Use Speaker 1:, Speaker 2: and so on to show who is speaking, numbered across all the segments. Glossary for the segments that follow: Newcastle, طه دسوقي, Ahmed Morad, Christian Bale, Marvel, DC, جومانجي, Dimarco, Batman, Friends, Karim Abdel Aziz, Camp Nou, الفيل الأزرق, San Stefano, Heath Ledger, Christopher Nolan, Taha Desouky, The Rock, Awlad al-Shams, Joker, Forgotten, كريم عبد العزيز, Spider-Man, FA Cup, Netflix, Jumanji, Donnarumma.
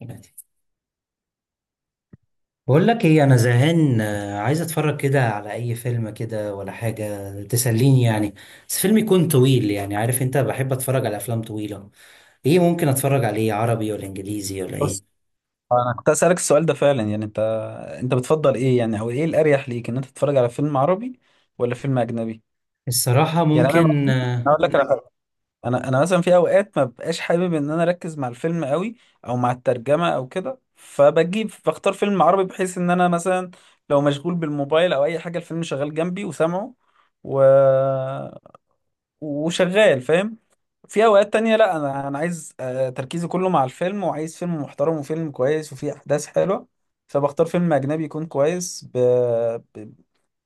Speaker 1: ماشي. بقول لك ايه، انا زهقان، عايز اتفرج كده على اي فيلم، كده ولا حاجه تسليني يعني. بس فيلم يكون طويل، يعني عارف انت بحب اتفرج على افلام طويله. ايه ممكن اتفرج عليه، عربي ولا انجليزي ولا
Speaker 2: بص،
Speaker 1: ايه؟
Speaker 2: انا كنت اسالك السؤال ده فعلا، يعني انت بتفضل ايه يعني، او ايه الاريح ليك ان انت تتفرج على فيلم عربي ولا فيلم اجنبي؟
Speaker 1: الصراحه
Speaker 2: يعني انا
Speaker 1: ممكن.
Speaker 2: مثلا، أنا اقول لك على حاجة. انا مثلا في اوقات ما ببقاش حابب ان انا اركز مع الفيلم قوي، او مع الترجمه او كده، فبجيب بختار فيلم عربي بحيث ان انا مثلا لو مشغول بالموبايل او اي حاجه، الفيلم شغال جنبي وسامعه و... وشغال، فاهم؟ في اوقات تانية لا، انا عايز تركيزي كله مع الفيلم، وعايز فيلم محترم وفيلم كويس وفيه احداث حلوة. فبختار فيلم اجنبي يكون كويس ب... ب...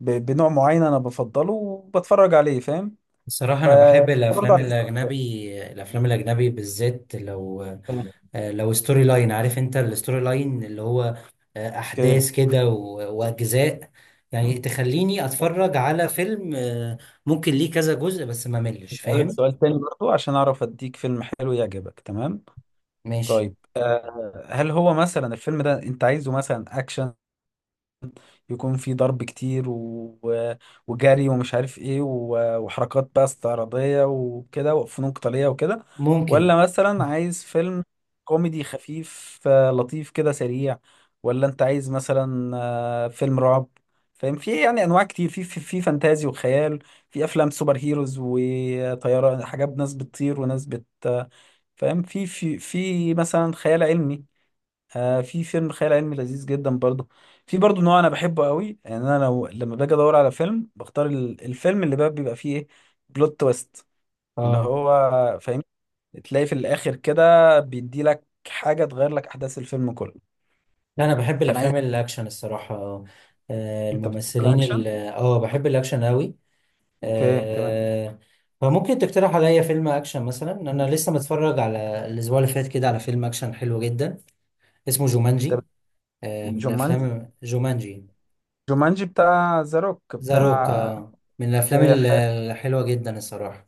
Speaker 2: ب... بنوع معين انا بفضله وبتفرج عليه، فاهم؟
Speaker 1: الصراحة
Speaker 2: ف
Speaker 1: أنا بحب
Speaker 2: برضه
Speaker 1: الأفلام
Speaker 2: على حسب
Speaker 1: الأجنبي، الأفلام الأجنبي بالذات لو
Speaker 2: الفيلم.
Speaker 1: آه، لو ستوري لاين، عارف أنت الستوري لاين اللي هو
Speaker 2: اوكي.
Speaker 1: أحداث كده وأجزاء. يعني تخليني أتفرج على فيلم، ممكن ليه كذا جزء بس ما ملش
Speaker 2: اسالك
Speaker 1: فاهم؟
Speaker 2: سؤال تاني برضه عشان اعرف اديك فيلم حلو يعجبك، تمام؟
Speaker 1: ماشي،
Speaker 2: طيب، هل هو مثلا الفيلم ده انت عايزه مثلا اكشن، يكون في ضرب كتير و... وجري ومش عارف ايه و... وحركات بقى استعراضية وكده وفنون قتالية وكده،
Speaker 1: ممكن.
Speaker 2: ولا مثلا عايز فيلم كوميدي خفيف لطيف كده سريع، ولا انت عايز مثلا فيلم رعب، فاهم؟ في يعني انواع كتير، في فانتازي وخيال، في افلام سوبر هيروز وطيارة، حاجات ناس بتطير وناس بت آه، فاهم؟ في مثلا خيال علمي، آه في فيلم خيال علمي لذيذ جدا برضو. في برضو نوع انا بحبه قوي، يعني انا لو لما باجي ادور على فيلم بختار ال- الفيلم اللي بقى بيبقى فيه ايه، بلوت تويست. اللي
Speaker 1: اه،
Speaker 2: هو، فاهم، تلاقي في الاخر كده بيدي لك حاجه تغير لك احداث الفيلم كله.
Speaker 1: لا انا بحب
Speaker 2: فانا عايز.
Speaker 1: الافلام الاكشن الصراحه. آه،
Speaker 2: انت بتحب
Speaker 1: الممثلين
Speaker 2: الاكشن؟
Speaker 1: بحب الاكشن قوي.
Speaker 2: اوكي تمام.
Speaker 1: آه، فممكن تقترح عليا فيلم اكشن؟ مثلا انا لسه متفرج على الاسبوع اللي فات كده على فيلم اكشن حلو جدا، اسمه
Speaker 2: طب،
Speaker 1: جومانجي. آه، من
Speaker 2: جومانجي.
Speaker 1: الافلام جومانجي.
Speaker 2: جومانجي بتاع ذا روك
Speaker 1: ذا روك،
Speaker 2: بتاع.
Speaker 1: آه، من الافلام
Speaker 2: اوكي حلو.
Speaker 1: الحلوه جدا الصراحه.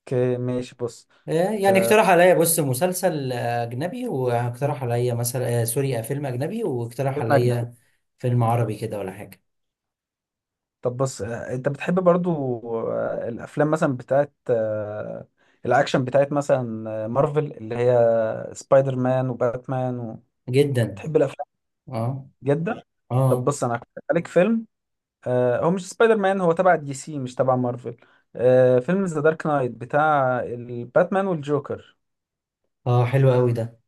Speaker 2: اوكي ماشي بص.
Speaker 1: آه، يعني
Speaker 2: آه،
Speaker 1: اقترح عليا، بص، مسلسل اجنبي، واقترح عليا مثلا سوري، فيلم اجنبي، واقترح
Speaker 2: فيلم أجنبي.
Speaker 1: عليا فيلم عربي كده ولا حاجه.
Speaker 2: طب بص، انت بتحب برضو الافلام مثلا بتاعت الاكشن، بتاعت مثلا مارفل، اللي هي سبايدر مان وباتمان
Speaker 1: جدا.
Speaker 2: بتحب الافلام
Speaker 1: اه.
Speaker 2: جدا. طب
Speaker 1: اه.
Speaker 2: بص انا هقترح عليك فيلم، هو مش سبايدر مان، هو تبع دي سي مش تبع مارفل. فيلم ذا دارك نايت بتاع الباتمان والجوكر.
Speaker 1: اه حلو قوي ده.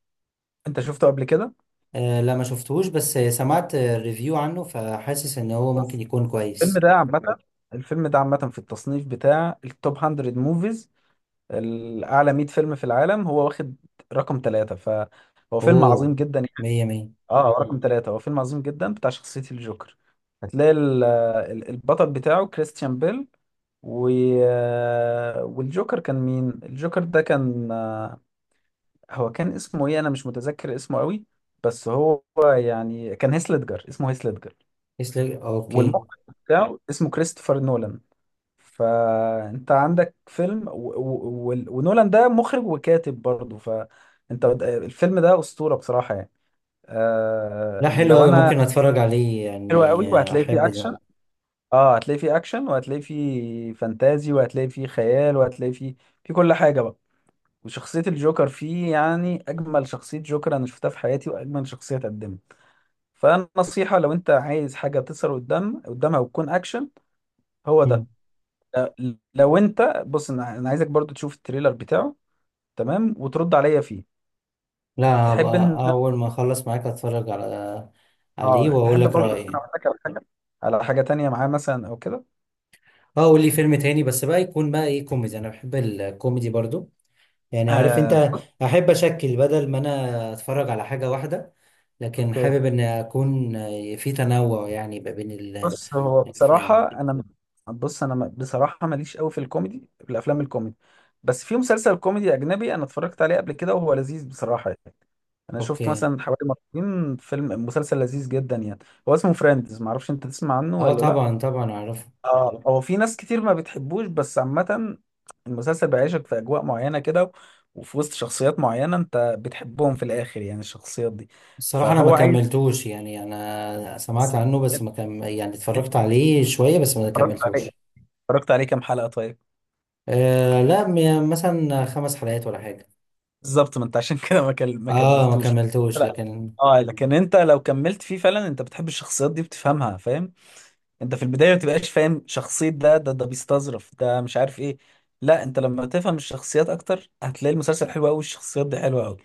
Speaker 2: انت شفته قبل كده؟
Speaker 1: آه، لا ما شفتهوش، بس سمعت ريفيو عنه، فحاسس ان هو ممكن
Speaker 2: بس
Speaker 1: يكون
Speaker 2: الفيلم
Speaker 1: كويس.
Speaker 2: ده عامة الفيلم ده عامة في التصنيف بتاع التوب 100 موفيز، الأعلى 100 فيلم في العالم، هو واخد رقم ثلاثة، فهو فيلم عظيم
Speaker 1: اوه،
Speaker 2: جدا يعني.
Speaker 1: مية مية.
Speaker 2: اه هو رقم ثلاثة، هو فيلم عظيم جدا بتاع شخصية الجوكر. هتلاقي ال- ال- البطل بتاعه كريستيان بيل و... آه، والجوكر كان مين؟ الجوكر ده كان هو كان اسمه ايه، انا مش متذكر اسمه قوي بس هو يعني كان هيث ليدجر، اسمه هيث ليدجر.
Speaker 1: يسلك، اوكي.
Speaker 2: والمخرج بتاعه اسمه كريستوفر نولان. فانت عندك فيلم و... و... و... ونولان ده مخرج وكاتب برضه، فانت الفيلم ده اسطوره بصراحه يعني.
Speaker 1: لا،
Speaker 2: آه...
Speaker 1: حلو
Speaker 2: لو
Speaker 1: اوي،
Speaker 2: انا
Speaker 1: ممكن اتفرج عليه
Speaker 2: حلو
Speaker 1: يعني.
Speaker 2: قوي
Speaker 1: آه،
Speaker 2: وهتلاقي
Speaker 1: احب
Speaker 2: فيه
Speaker 1: ده.
Speaker 2: اكشن. اه هتلاقي فيه اكشن وهتلاقي فيه فانتازي وهتلاقي فيه خيال وهتلاقي فيه، في كل حاجه بقى. وشخصيه الجوكر فيه يعني اجمل شخصيه جوكر انا شفتها في حياتي، واجمل شخصيه اتقدمت. فالنصيحه لو انت عايز حاجه تظهر قدامها وتكون اكشن، هو ده.
Speaker 1: مم.
Speaker 2: لو انت، بص أنا عايزك برضو تشوف التريلر بتاعه، تمام، وترد عليا فيه.
Speaker 1: لا،
Speaker 2: تحب
Speaker 1: هبقى
Speaker 2: ان،
Speaker 1: اول ما اخلص معاك اتفرج على عليه
Speaker 2: اه
Speaker 1: واقول
Speaker 2: تحب
Speaker 1: لك
Speaker 2: برضه ان انا
Speaker 1: رايي.
Speaker 2: اقول لك على حاجه تانية معاه مثلا او كده؟
Speaker 1: اه، قول لي فيلم تاني، بس بقى يكون بقى ايه، كوميدي. انا بحب الكوميدي برضو، يعني عارف انت،
Speaker 2: بص.
Speaker 1: احب اشكل بدل ما انا اتفرج على حاجه واحده، لكن
Speaker 2: اوكي.
Speaker 1: حابب ان اكون في تنوع يعني بقى بين
Speaker 2: بص هو
Speaker 1: الافلام.
Speaker 2: بصراحه انا، بص انا بصراحه ماليش قوي في الكوميدي، في الافلام الكوميدي. بس في مسلسل كوميدي اجنبي انا اتفرجت عليه قبل كده وهو لذيذ بصراحه يعني. انا شفت
Speaker 1: اوكي.
Speaker 2: مثلا حوالي مرتين فيلم مسلسل لذيذ جدا يعني، هو اسمه فريندز، معرفش انت تسمع عنه
Speaker 1: اه،
Speaker 2: ولا لا.
Speaker 1: طبعا طبعا اعرفه.
Speaker 2: اه، هو في ناس كتير ما بتحبوش بس عامة المسلسل بيعيشك في أجواء معينة كده، وفي وسط شخصيات معينة أنت بتحبهم في الآخر، يعني الشخصيات دي.
Speaker 1: الصراحه انا ما
Speaker 2: فهو عايز.
Speaker 1: كملتوش، يعني انا سمعت عنه، بس
Speaker 2: أنت
Speaker 1: ما كم يعني اتفرجت عليه شويه بس ما
Speaker 2: اتفرجت عليه
Speaker 1: كملتوش.
Speaker 2: اتفرجت عليه كام حلقة طيب؟
Speaker 1: آه، لا، مثلا 5 حلقات ولا حاجه.
Speaker 2: بالظبط. ما أنت عشان كده ما ما
Speaker 1: اه، ما
Speaker 2: كملتوش.
Speaker 1: كملتوش
Speaker 2: لا.
Speaker 1: لكن.
Speaker 2: اه، لكن أنت لو كملت فيه فعلا أنت بتحب الشخصيات دي بتفهمها، فاهم؟ أنت في البداية ما بتبقاش فاهم شخصية ده بيستظرف، ده مش عارف إيه. لا، أنت لما تفهم الشخصيات أكتر هتلاقي المسلسل حلو أوي والشخصيات دي حلوة أوي.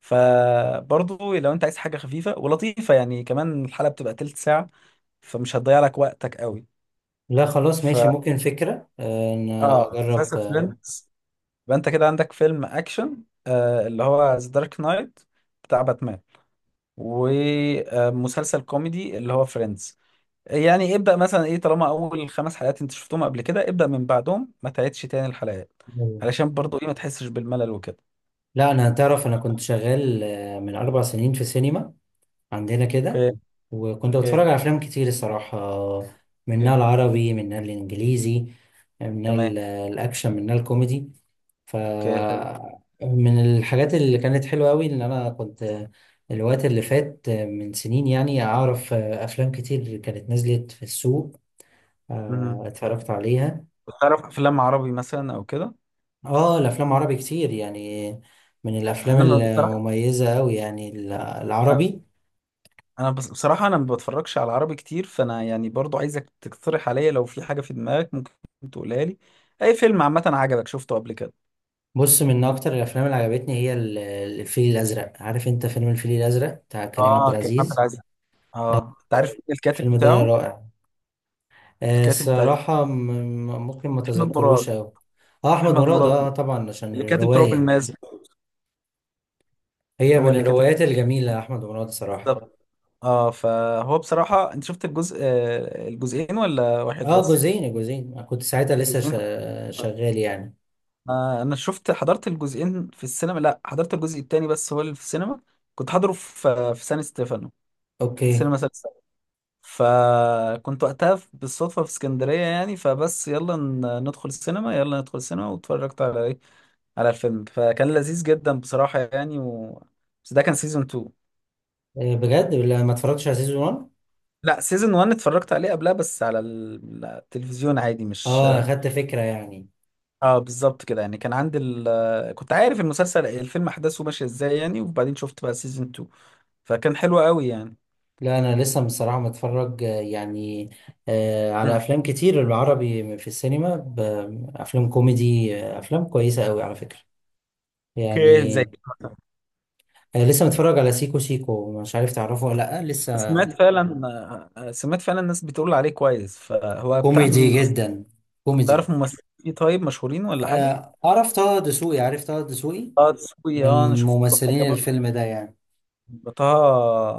Speaker 2: فبرضو لو انت عايز حاجه خفيفه ولطيفه، يعني كمان الحلقه بتبقى تلت ساعه، فمش هتضيع لك وقتك قوي.
Speaker 1: لا، خلاص ماشي،
Speaker 2: ف
Speaker 1: ممكن فكره ان
Speaker 2: اه،
Speaker 1: اجرب.
Speaker 2: مسلسل فريندز. يبقى انت كده عندك فيلم اكشن، آه اللي هو ذا دارك نايت بتاع باتمان، ومسلسل كوميدي اللي هو فريندز. يعني ابدأ مثلا ايه، طالما اول خمس حلقات انت شفتهم قبل كده ابدأ من بعدهم، ما تعيدش تاني الحلقات،
Speaker 1: آه،
Speaker 2: علشان برضو ايه ما تحسش بالملل وكده.
Speaker 1: لا انا، تعرف، انا كنت شغال من 4 سنين في سينما عندنا
Speaker 2: اوكي.
Speaker 1: كده. وكنت
Speaker 2: اوكي.
Speaker 1: بتفرج على افلام كتير الصراحه، منها
Speaker 2: اوكي
Speaker 1: العربي منها الانجليزي، منها
Speaker 2: تمام.
Speaker 1: الاكشن منها الكوميدي. ف،
Speaker 2: اوكي حلو.
Speaker 1: من الحاجات اللي كانت حلوه قوي ان انا كنت الوقت اللي فات من سنين، يعني اعرف افلام كتير كانت نزلت في السوق، آه،
Speaker 2: مهم.
Speaker 1: اتفرجت عليها.
Speaker 2: بتعرف افلام عربي مثلا او كده؟
Speaker 1: اه، الافلام عربي كتير يعني، من الافلام
Speaker 2: انا بصراحه،
Speaker 1: المميزه قوي يعني
Speaker 2: انا
Speaker 1: العربي.
Speaker 2: انا بصراحه انا ما بتفرجش على عربي كتير، فانا يعني برضو عايزك تقترح عليا لو في حاجه في دماغك ممكن تقولها لي. اي فيلم عامه عجبك شفته قبل كده؟
Speaker 1: بص، من اكتر الافلام اللي عجبتني هي الفيل الازرق، عارف انت فيلم الفيل الازرق بتاع كريم عبد
Speaker 2: اه كريم عبد
Speaker 1: العزيز.
Speaker 2: العزيز. اه، انت عارف مين الكاتب
Speaker 1: الفيلم ده
Speaker 2: بتاعه؟
Speaker 1: رائع. آه،
Speaker 2: الكاتب بتاع.
Speaker 1: الصراحة ممكن ما
Speaker 2: احمد مراد.
Speaker 1: تذكروش أوي. اه احمد
Speaker 2: احمد
Speaker 1: مراد،
Speaker 2: مراد
Speaker 1: اه طبعا عشان
Speaker 2: اللي كاتب تراب
Speaker 1: الرواية.
Speaker 2: الماس
Speaker 1: هي
Speaker 2: هو
Speaker 1: من
Speaker 2: اللي كاتب.
Speaker 1: الروايات الجميلة، احمد مراد صراحة.
Speaker 2: بالظبط. اه فهو بصراحه، انت شفت الجزء الجزئين ولا واحد
Speaker 1: اه
Speaker 2: بس؟
Speaker 1: جزئين، جزئين كنت ساعتها لسه
Speaker 2: جزئين.
Speaker 1: شغال يعني.
Speaker 2: انا شفت حضرت الجزئين في السينما، لا حضرت الجزء التاني بس هو اللي في السينما. كنت حاضره في سان ستيفانو،
Speaker 1: اوكي.
Speaker 2: السينما سان ستيفانو. فكنت وقتها بالصدفة في اسكندرية يعني، فبس يلا ندخل السينما، يلا ندخل السينما، واتفرجت على ايه، على الفيلم، فكان لذيذ جدا بصراحة يعني. بس ده كان سيزون 2.
Speaker 1: آه، بجد لا، ما اتفرجتش على سيزون 1.
Speaker 2: لا سيزون 1 اتفرجت عليه قبلها بس على ال- التلفزيون عادي، مش.
Speaker 1: اه، اخدت فكرة يعني.
Speaker 2: اه بالظبط كده يعني، كان عندي كنت عارف المسلسل، الفيلم احداثه ماشية ازاي يعني، وبعدين شفت بقى سيزون 2 فكان حلو قوي يعني.
Speaker 1: لا انا لسه بصراحه متفرج يعني، على
Speaker 2: مم.
Speaker 1: افلام كتير العربي في السينما، افلام كوميدي، آه، افلام كويسه قوي على فكره
Speaker 2: اوكي
Speaker 1: يعني.
Speaker 2: زي.
Speaker 1: آه، لسه متفرج على سيكو سيكو، مش عارف تعرفه ولا لا لسه.
Speaker 2: سمعت فعلا سمعت فعلا الناس بتقول عليه كويس. فهو بتاع
Speaker 1: كوميدي
Speaker 2: مين اصلا؟
Speaker 1: جدا. كوميدي.
Speaker 2: تعرف ممثلين فيه طيب مشهورين ولا حاجه؟
Speaker 1: آه، اعرف طه دسوقي، عارف طه دسوقي
Speaker 2: اه تسوقي، اه انا
Speaker 1: من
Speaker 2: شفت له حاجه
Speaker 1: ممثلين
Speaker 2: برضه.
Speaker 1: الفيلم ده يعني.
Speaker 2: طه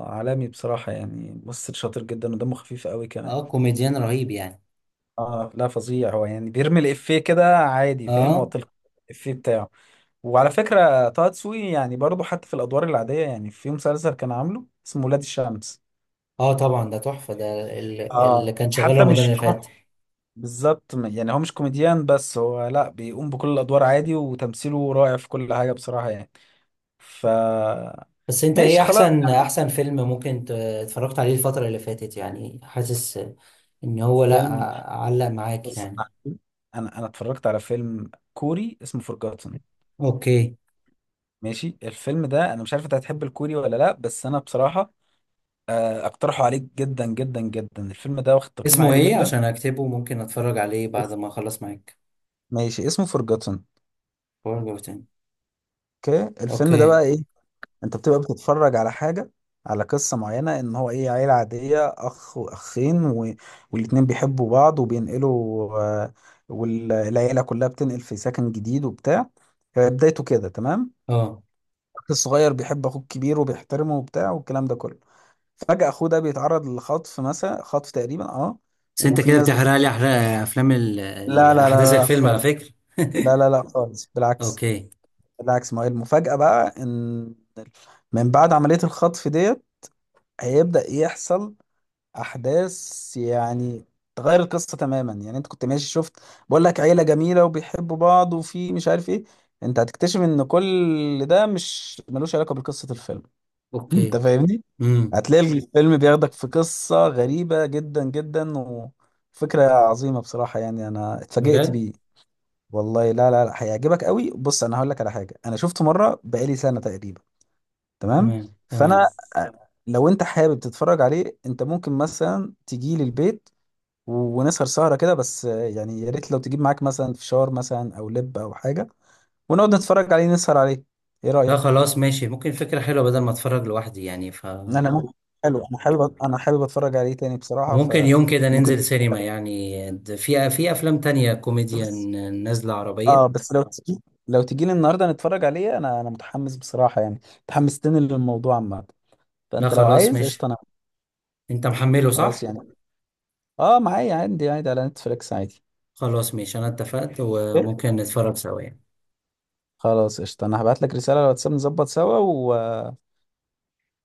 Speaker 2: عالمي بصراحه يعني، ممثل شاطر جدا ودمه خفيف قوي كمان.
Speaker 1: اه، كوميديان رهيب يعني.
Speaker 2: اه لا فظيع هو يعني، بيرمي الافيه كده عادي، فاهم، هو
Speaker 1: اه.
Speaker 2: تلقى الافيه بتاعه. وعلى فكره طه دسوقي يعني برضه حتى في الادوار العاديه، يعني في مسلسل كان عامله اسمه ولاد الشمس.
Speaker 1: اه، طبعا ده تحفه ده،
Speaker 2: اه
Speaker 1: اللي كان
Speaker 2: يعني
Speaker 1: شغال
Speaker 2: حتى
Speaker 1: رمضان
Speaker 2: مش.
Speaker 1: اللي فات.
Speaker 2: بالظبط يعني هو مش كوميديان بس، هو لا بيقوم بكل الادوار عادي وتمثيله رائع في كل حاجه بصراحه يعني. ف
Speaker 1: بس انت ايه
Speaker 2: ماشي خلاص.
Speaker 1: احسن، احسن فيلم ممكن اتفرجت عليه الفترة اللي فاتت، يعني حاسس ان هو، لا،
Speaker 2: فيلم.
Speaker 1: علق معاك
Speaker 2: بص،
Speaker 1: يعني.
Speaker 2: انا اتفرجت على فيلم كوري اسمه فورجاتن.
Speaker 1: اوكي.
Speaker 2: ماشي، الفيلم ده انا مش عارف انت هتحب الكوري ولا لا، بس انا بصراحه اقترحه عليك جدا جدا جدا، الفيلم ده واخد تقييم
Speaker 1: اسمه
Speaker 2: عالي
Speaker 1: ايه
Speaker 2: جدا.
Speaker 1: عشان اكتبه؟ ممكن اتفرج عليه بعد ما اخلص معاك
Speaker 2: ماشي اسمه فورجاتن.
Speaker 1: وارجع تاني.
Speaker 2: اوكي. الفيلم ده
Speaker 1: اوكي.
Speaker 2: بقى ايه، انت بتبقى بتتفرج على حاجة، على قصة معينة ان هو ايه، عيلة عادية، اخ واخين و... والاتنين بيحبوا بعض وبينقلوا، والعيلة كلها بتنقل في سكن جديد وبتاع. بدايته كده، تمام.
Speaker 1: اه،
Speaker 2: اخ الصغير بيحب اخوه الكبير وبيحترمه وبتاع والكلام ده كله. فجأة اخوه ده بيتعرض للخطف مثلا، خطف تقريبا، اه.
Speaker 1: بس انت
Speaker 2: وفي
Speaker 1: كده
Speaker 2: ناس
Speaker 1: بتحرق لي، احرق افلام
Speaker 2: لا لا
Speaker 1: احداث
Speaker 2: لا لا
Speaker 1: الفيلم على
Speaker 2: خالص.
Speaker 1: فكرة
Speaker 2: لا لا لا خالص، بالعكس.
Speaker 1: اوكي.
Speaker 2: بالعكس، ما هي المفاجأة بقى، ان من بعد عملية الخطف ديت هيبدأ يحصل احداث يعني تغير القصه تماما، يعني انت كنت ماشي شفت، بقول لك عيله جميله وبيحبوا بعض وفي مش عارف ايه. انت هتكتشف ان كل ده مش ملوش علاقه بقصه الفيلم. انت
Speaker 1: اوكي.
Speaker 2: فاهمني؟
Speaker 1: امم.
Speaker 2: هتلاقي الفيلم بياخدك في قصه غريبه جدا جدا وفكره عظيمه بصراحه يعني انا اتفاجئت
Speaker 1: بجد.
Speaker 2: بيه. والله لا لا لا هيعجبك قوي. بص انا هقول لك على حاجه، انا شفته مره بقالي سنه تقريبا، تمام.
Speaker 1: تمام، تمام.
Speaker 2: فانا لو انت حابب تتفرج عليه، انت ممكن مثلا تجي لي البيت و- ونسهر سهرة كده. بس يعني يا ريت لو تجيب معاك مثلا فشار مثلا أو لب أو حاجة، ونقعد نتفرج عليه نسهر عليه. إيه
Speaker 1: لا،
Speaker 2: رأيك؟
Speaker 1: خلاص ماشي، ممكن فكرة حلوة بدل ما اتفرج لوحدي يعني. ف،
Speaker 2: أنا ممكن. حلو، أنا حابب أتفرج عليه تاني بصراحة
Speaker 1: وممكن يوم كده
Speaker 2: فممكن.
Speaker 1: ننزل سينما يعني، في افلام تانية كوميديا
Speaker 2: بس
Speaker 1: نازلة عربية.
Speaker 2: بس لو تجي لي النهاردة نتفرج عليه. أنا متحمس بصراحة يعني، متحمستني للموضوع عامة.
Speaker 1: لا،
Speaker 2: فأنت لو
Speaker 1: خلاص
Speaker 2: عايز
Speaker 1: ماشي،
Speaker 2: قشطة أنا.
Speaker 1: انت محمله
Speaker 2: خلاص
Speaker 1: صح.
Speaker 2: يعني، معايا عندي عادي على نتفليكس عادي.
Speaker 1: خلاص ماشي، انا اتفقت
Speaker 2: إيه؟
Speaker 1: وممكن نتفرج سوا يعني.
Speaker 2: خلاص قشطة، أنا هبعت لك رسالة على الواتساب نظبط سوا و...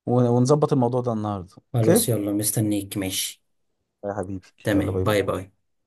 Speaker 2: ونظبط الموضوع ده النهاردة،
Speaker 1: خلاص
Speaker 2: أوكي؟
Speaker 1: يلا، مستنيك ماشي.
Speaker 2: يا حبيبي، يلا
Speaker 1: تمام،
Speaker 2: باي
Speaker 1: باي
Speaker 2: باي.
Speaker 1: باي.